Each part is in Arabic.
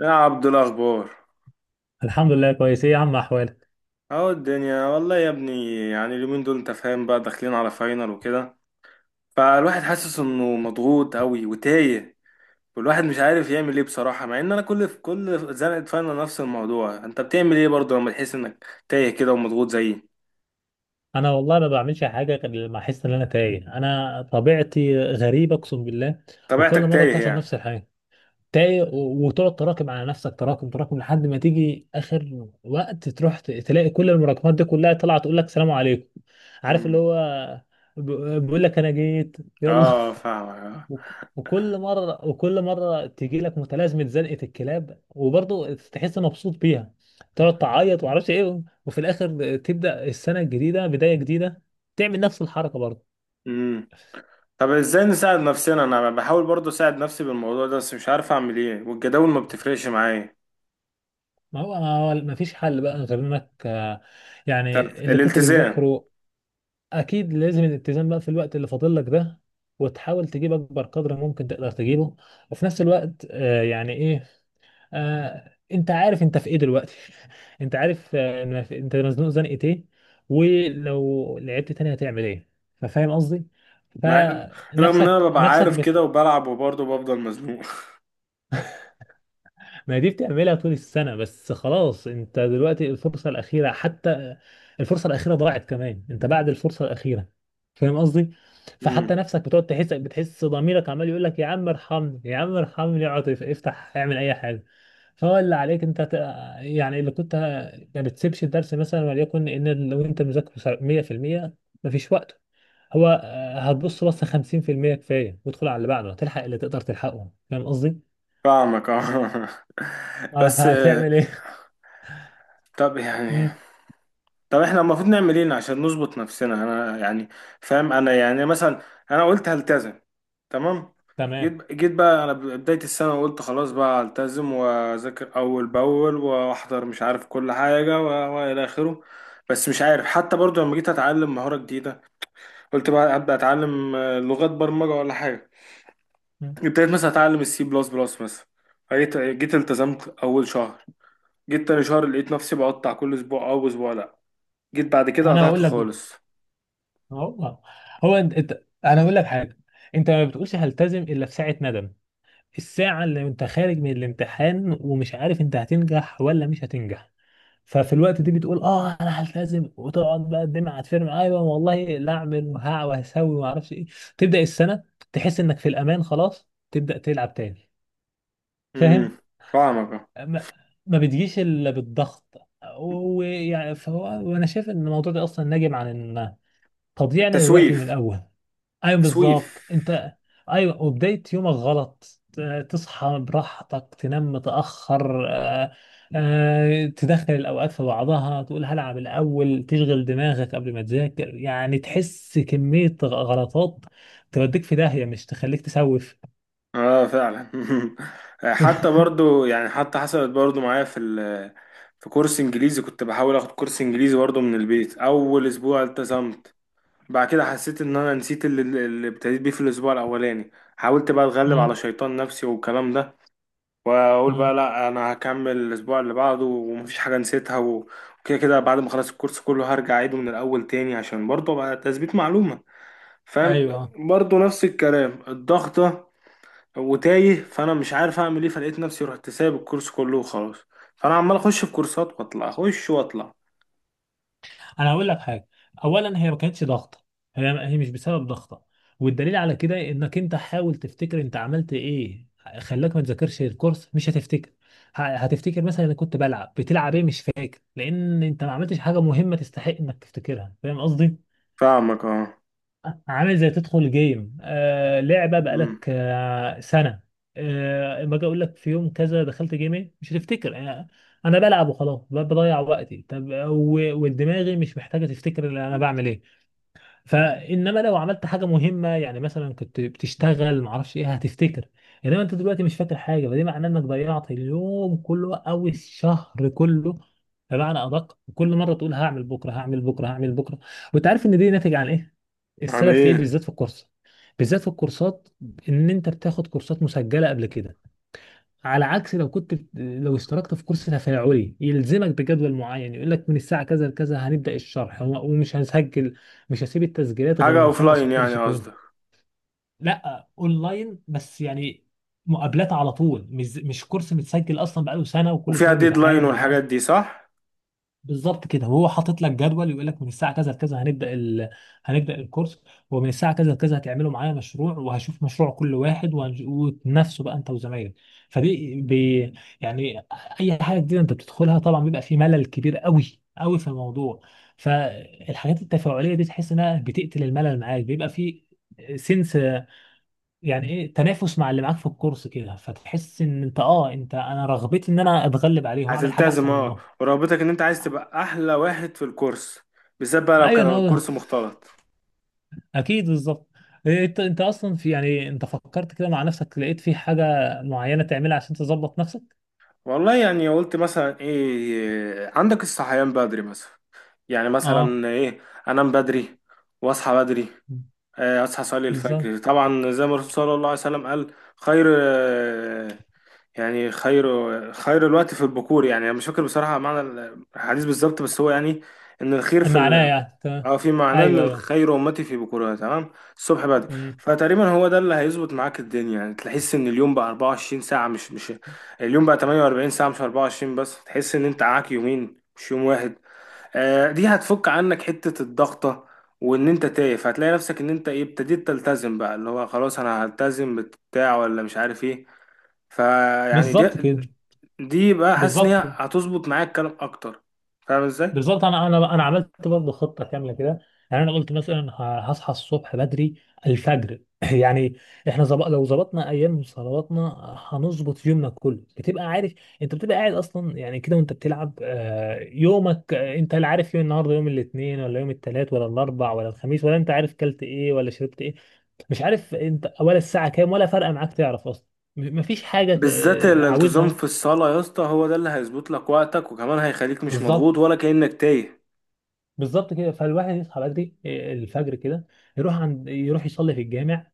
يا عبد الاخبار. الحمد لله، كويس. ايه يا عم احوالك؟ اهو الدنيا والله يا ابني، يعني اليومين دول انت فاهم بقى، داخلين على فاينل وكده، فالواحد حاسس انه مضغوط قوي وتايه. والواحد مش عارف يعمل ايه بصراحة، مع ان انا في كل زنقة فاينل نفس الموضوع. انت بتعمل ايه برضه لما تحس انك تايه كده ومضغوط زيي؟ انا والله ما بعملش حاجه غير لما احس ان انا تايه. انا طبيعتي غريبه، اقسم بالله. وكل طبيعتك مره تايه بتحصل نفس يعني؟ الحاجه. تايه وتقعد تراكم على نفسك، تراكم تراكم، لحد ما تيجي اخر وقت تروح تلاقي كل المراكمات دي كلها طالعه تقول لك سلام عليكم. عارف اللي امم. هو ب- بيقول لك انا جيت، يلا. اه، فاهمك اه. وكل مرة وكل مرة تيجي لك متلازمة زنقة الكلاب، وبرضه تحس مبسوط بيها. تقعد تعيط ومعرفش ايه، وفي الآخر تبدأ السنة الجديدة بداية جديدة، تعمل نفس الحركة برضه. امم. طب ازاي نساعد نفسنا؟ انا بحاول برضه اساعد نفسي بالموضوع ده، بس مش عارف اعمل ايه، والجداول ما بتفرقش معايا. ما فيش حل بقى غير انك يعني تالت اللي كنت الالتزام. بتذاكره اكيد لازم الالتزام بقى في الوقت اللي فاضل لك ده. وتحاول تجيب اكبر قدر ممكن تقدر تجيبه. وفي نفس الوقت يعني ايه، انت عارف انت في ايه دلوقتي. انت عارف انت مزنوق زنقة ايه؟ ولو لعبت تاني هتعمل ايه؟ ففاهم قصدي. مع رغم ان انا فنفسك ببقى نفسك عارف كده بت... وبلعب وبرضه بفضل مزنوق. ما دي بتعملها طول السنة. بس خلاص، انت دلوقتي الفرصة الأخيرة، حتى الفرصة الأخيرة ضاعت كمان، انت بعد الفرصة الأخيرة. فاهم قصدي؟ امم، فحتى نفسك بتقعد تحس، بتحس ضميرك عمال يقول لك يا عم ارحمني، يا عم ارحمني، اقعد افتح، اعمل اي حاجة. فهو اللي عليك انت ت... يعني اللي ما بتسيبش الدرس مثلا، وليكن ان لو انت مذاكر 100%، مفيش وقت، هو هتبص بصة 50% كفاية وادخل على اللي بعده، هتلحق اللي تقدر تلحقه. فاهم قصدي؟ فاهمك اه. اه، بس فهتعمل طب يعني، ايه؟ طب احنا المفروض نعمل ايه عشان نظبط نفسنا؟ انا يعني فاهم، انا يعني مثلا انا قلت هلتزم. تمام. تمام. جيت بقى انا بداية السنة، وقلت خلاص بقى هلتزم واذاكر اول باول واحضر، مش عارف كل حاجة والى اخره. بس مش عارف، حتى برضه لما جيت اتعلم مهارة جديدة قلت بقى ابدا اتعلم لغات برمجة ولا حاجة. مم. ابتديت مثلا اتعلم السي بلس بلس مثلا. جيت التزمت اول شهر. جيت تاني شهر لقيت نفسي بقطع كل اسبوع او اسبوع، لا، جيت بعد كده انا قطعت هقول لك. خالص. هو انا هقول لك حاجه. انت ما بتقولش هلتزم الا في ساعه ندم، الساعه اللي انت خارج من الامتحان ومش عارف انت هتنجح ولا مش هتنجح. ففي الوقت دي بتقول اه انا هلتزم، وتقعد بقى الدمعه هتفرم، ايوه والله لا اعمل وهع وهسوي وما اعرفش ايه. تبدا السنه، تحس انك في الامان، خلاص تبدا تلعب تاني. فاهم؟ امم، فاهمك آه. ما, ما بتجيش الا بالضغط. ويعني فهو، وانا شايف ان الموضوع ده اصلا ناجم عن تضييعنا للوقت من التسويف. الاول. ايوه بالظبط، تسويف. انت ايوه. وبدايه يومك غلط، تصحى براحتك، تنام متاخر، تدخل الاوقات في بعضها، تقول هلعب الاول، تشغل دماغك قبل ما تذاكر، يعني تحس كميه غلطات توديك في داهيه، مش تخليك تسوف. اه فعلا. حتى برضو يعني، حتى حصلت برضو معايا في ال... في كورس انجليزي. كنت بحاول اخد كورس انجليزي برضو من البيت. اول اسبوع التزمت. بعد كده حسيت ان انا نسيت اللي ابتديت بيه في الاسبوع الاولاني. حاولت بقى اتغلب على مم. شيطان نفسي والكلام ده، واقول مم. بقى لا انا هكمل الاسبوع اللي بعده ومفيش حاجه نسيتها وكده كده، بعد ما اخلص الكورس كله هرجع اعيده من الاول تاني عشان برضه بقى تثبيت معلومه، فاهم؟ ايوه، برضه نفس الكلام، الضغطه وتايه، فانا مش عارف اعمل ايه، فلقيت نفسي رحت سايب الكورس كله وخلاص. فانا عمال اخش في كورسات واطلع، اخش واطلع. انا هقول لك حاجه. اولا هي ما كانتش ضغطه. هي مش بسبب ضغطه. والدليل على كده انك انت حاول تفتكر انت عملت ايه خلاك ما تذاكرش الكورس، مش هتفتكر. هتفتكر مثلا انا كنت بلعب، بتلعب ايه مش فاكر، لان انت ما عملتش حاجه مهمه تستحق انك تفتكرها، فاهم قصدي؟ فاهمك اه. عامل زي تدخل جيم لعبة امم. بقالك سنة، اما اجي اقول لك في يوم كذا دخلت جيم ايه، مش هتفتكر. انا أنا بلعب وخلاص، بضيع وقتي. طب ودماغي مش محتاجة تفتكر اللي انا بعمل ايه. فانما لو عملت حاجه مهمه، يعني مثلا كنت بتشتغل معرفش ايه، هتفتكر. انما انت دلوقتي مش فاكر حاجه، فده معناه انك ضيعت اليوم كله او الشهر كله. بمعنى ادق، كل مره تقول هعمل بكره، هعمل بكره، هعمل بكره. وانت عارف ان دي ناتج عن ايه؟ يعني السبب في ايه ايه؟ بالذات في الكورس، بالذات في الكورسات، ان انت بتاخد كورسات مسجله قبل كده، على عكس لو لو اشتركت في كورس تفاعلي يلزمك بجدول معين، يقول لك من الساعة كذا لكذا هنبدأ الشرح، ومش هنسجل. مش هسيب التسجيلات غير حاجه ما اخلص اوفلاين يعني الكورس كله. قصدك؟ لا، اونلاين بس يعني، مقابلات على طول، مش كورس متسجل اصلا بقاله سنة وكل وفيها شوية ديدلاين بيتعاد. والحاجات دي، صح؟ بالظبط كده. وهو حاطط لك جدول، يقول لك من الساعه كذا لكذا هنبدا ال... هنبدا الكورس، ومن الساعه كذا لكذا هتعملوا معايا مشروع، وهشوف مشروع كل واحد وتنافسوا بقى انت وزمايلك. فدي ب... يعني، اي حاجه جديده انت بتدخلها طبعا بيبقى في ملل كبير قوي قوي في الموضوع، فالحاجات التفاعليه دي تحس انها بتقتل الملل، معاك بيبقى في سنس، يعني ايه تنافس مع اللي معاك في الكورس كده، فتحس ان انت اه، انا رغبتي ان انا اتغلب عليهم، اعمل حاجه هتلتزم احسن اه، منهم. ورغبتك ان انت عايز تبقى احلى واحد في الكورس، بالذات بقى لو ايوه، كان إن هو الكورس مختلط. اكيد، بالظبط. إيه، انت اصلا في، يعني انت فكرت كده مع نفسك، لقيت في حاجه معينه تعملها عشان تظبط نفسك؟ والله، يعني قلت مثلا ايه عندك؟ الصحيان بدري مثلا، يعني اه، مثلا ايه؟ انام بدري واصحى بدري. اصحى اصلي بالظبط. الفجر، طبعا زي ما الرسول صلى الله عليه وسلم قال: خير. يعني خير، خير الوقت في البكور. يعني انا مش فاكر بصراحه معنى الحديث بالظبط، بس هو يعني ان الخير في معناه ال... يعني تمام، اه، في معناه ان ايوه ايوه. الخير امتي في بكورها. تمام. الصبح بدري. أمم. فتقريبا هو ده اللي هيظبط معاك الدنيا، يعني تحس ان اليوم بقى 24 ساعه، مش اليوم بقى 48 ساعه مش 24، بس تحس ان انت معاك يومين مش يوم واحد. آه، دي هتفك عنك حته الضغطه، وان انت تايه، فهتلاقي نفسك ان انت ايه، ابتديت تلتزم بقى، اللي هو خلاص انا هلتزم بتاع ولا مش عارف ايه. فيعني، دي بالظبط كده. دي بقى حاسس ان بالظبط. هي هتظبط معايا الكلام اكتر. فاهم ازاي؟ بالظبط، انا عملت برضه خطه كامله كده. يعني انا قلت مثلا هصحى الصبح بدري، الفجر. يعني احنا زب... لو ظبطنا ايام صلواتنا هنظبط يومنا كله. بتبقى عارف، انت بتبقى قاعد اصلا يعني كده وانت بتلعب، يومك، انت لا عارف يوم النهارده يوم الاثنين ولا يوم الثلاث ولا الاربع ولا الخميس، ولا انت عارف كلت ايه ولا شربت ايه، مش عارف انت ولا الساعه كام ولا فارقه معاك تعرف اصلا. مفيش حاجه بالذات الانتظام عاوزها. في الصلاة يا اسطى، هو ده اللي هيظبط لك وقتك، وكمان هيخليك مش بالظبط. مضغوط ولا كأنك تايه. بالظبط كده. فالواحد يصحى بدري، الفجر كده، يروح يصلي في الجامع،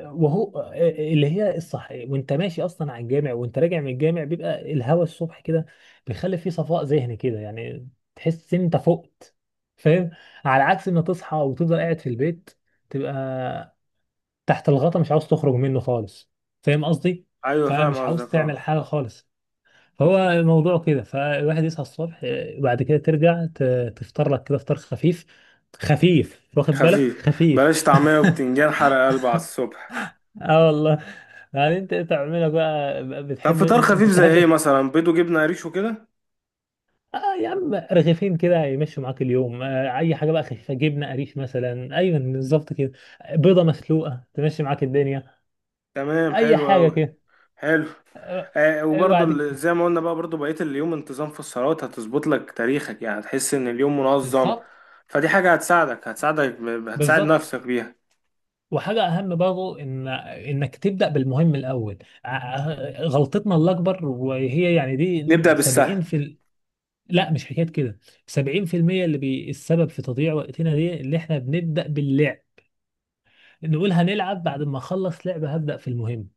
وهو اللي هي الصح. وانت ماشي اصلا على الجامع وانت راجع من الجامع، بيبقى الهوا الصبح كده بيخلي فيه صفاء ذهني كده يعني، تحس ان انت فقت. فاهم؟ على عكس ما تصحى وتفضل قاعد في البيت، تبقى تحت الغطا مش عاوز تخرج منه خالص. فاهم قصدي؟ ايوه فاهم فمش عاوز قصدك اه. تعمل حاجة خالص. هو الموضوع كده. فالواحد يصحى الصبح، وبعد كده ترجع تفطر لك كده فطار خفيف، خفيف واخد بالك، خفيف. خفيف. بلاش طعمية وبتنجان حرق قلب على الصبح. اه والله. يعني انت تعملها بقى، طب بتحب فطار انت خفيف زي ايه بتحب. مثلا؟ بيض وجبنة قريش وكده؟ اه يا عم، رغيفين كده يمشوا معاك اليوم، اي حاجه بقى خفيفه، جبنه قريش مثلا، ايوه بالظبط كده. بيضه مسلوقه تمشي معاك الدنيا. تمام، اي حلو حاجه اوي. كده. حلو. آه، وبرضه وبعد كده زي ما قلنا بقى برضه بقية اليوم انتظام في الصلوات هتظبط لك تاريخك، يعني هتحس ان اليوم منظم. بالظبط. فدي حاجة هتساعدك، هتساعدك، هتساعد بالظبط. نفسك بيها. وحاجة أهم برضو، إن إنك تبدأ بالمهم الأول. غلطتنا الأكبر، وهي يعني نبدأ دي سبعين بالسهل. في ال... لا مش حكاية كده، 70%، اللي بي... السبب في تضييع وقتنا، دي اللي إحنا بنبدأ باللعب، نقول هنلعب بعد ما أخلص لعبة هبدأ في المهم.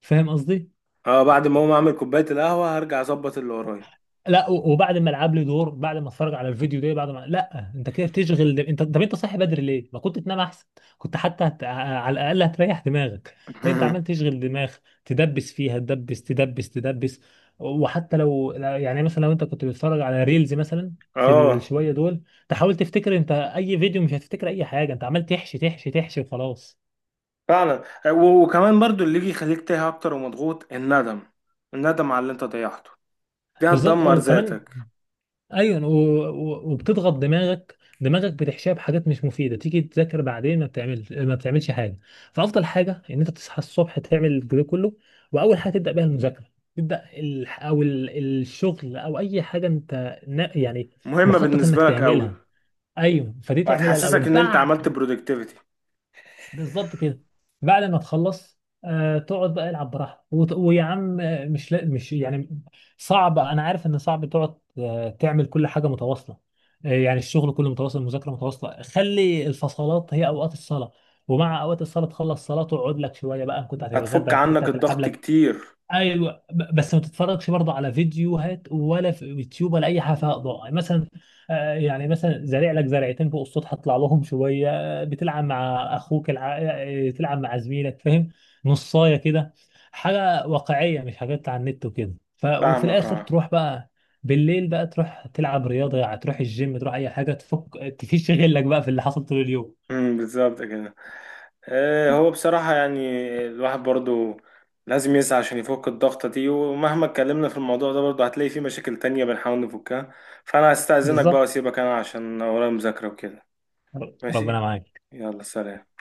فاهم قصدي؟ اه، بعد ما اقوم اعمل كوباية القهوة هرجع اظبط اللي ورايا. لا وبعد ما العب لي دور، بعد ما اتفرج على الفيديو ده، بعد ما لا، انت كده بتشغل، انت طب انت صاحي بدري ليه؟ ما كنت تنام احسن، كنت حتى هت... على الاقل هتريح دماغك. لان انت عمال تشغل دماغ، تدبس فيها، تدبس تدبس تدبس. وحتى لو يعني مثلا لو انت كنت بتتفرج على ريلز مثلا في اه الشويه دول، تحاول تفتكر انت اي فيديو، مش هتفتكر اي حاجه، انت عمال تحشي تحشي تحشي وخلاص. فعلا. وكمان برضه اللي يجي يخليك تايه اكتر ومضغوط: الندم. الندم على اللي انت ضيعته، دي بالظبط هتدمر وكمان، ذاتك. ايوه وبتضغط دماغك، دماغك بتحشيها بحاجات مش مفيده، تيجي تذاكر بعدين ما بتعملش ما بتعملش حاجه. فافضل حاجه ان انت تصحى الصبح، تعمل الجو كله، واول حاجه تبدا بيها المذاكره، تبدا ال... او ال... الشغل، او اي حاجه انت يعني مهمة مخطط انك بالنسبة لك قوي. تعملها. ايوه، فدي تعملها الاول. وهتحسسك ان انت عملت بعد برودكتيفيتي. بالظبط كده، بعد ما تخلص تقعد بقى العب براحتك، ويا عم، مش يعني صعب، انا عارف ان صعب تقعد تعمل كل حاجه متواصله. يعني الشغل كله متواصل، المذاكره متواصله، خلي الفصلات هي اوقات الصلاه. ومع اوقات الصلاه، تخلص صلاه تقعد لك شويه بقى، إن كنت هتتغدى هتفك إن كنت عنك هتلعب الضغط لك. كتير. ايوه بس ما تتفرجش برضه على فيديوهات، ولا في يوتيوب، ولا اي حاجه فيها اضاءه. يعني مثلا، يعني مثلا زارع لك زرعتين فوق السطح اطلع لهم شويه، بتلعب مع اخوك، الع... آه، تلعب مع زميلك. فاهم؟ نصايه كده، حاجه واقعيه، مش حاجات على النت وكده. ف... وفي فاهمك الاخر اه. تروح بقى بالليل بقى، تروح تلعب رياضه، يعني تروح الجيم، تروح اي حاجه تفك تفيش غلك بقى في اللي حصل طول اليوم. امم، بالظبط كده. هو بصراحة يعني، الواحد برضو لازم يسعى عشان يفك الضغطة دي، ومهما اتكلمنا في الموضوع ده برضو هتلاقي فيه مشاكل تانية بنحاول نفكها. فأنا هستأذنك بقى بالظبط. وأسيبك أنا عشان ورايا مذاكرة وكده. ربنا ماشي. معاك. يلا سلام.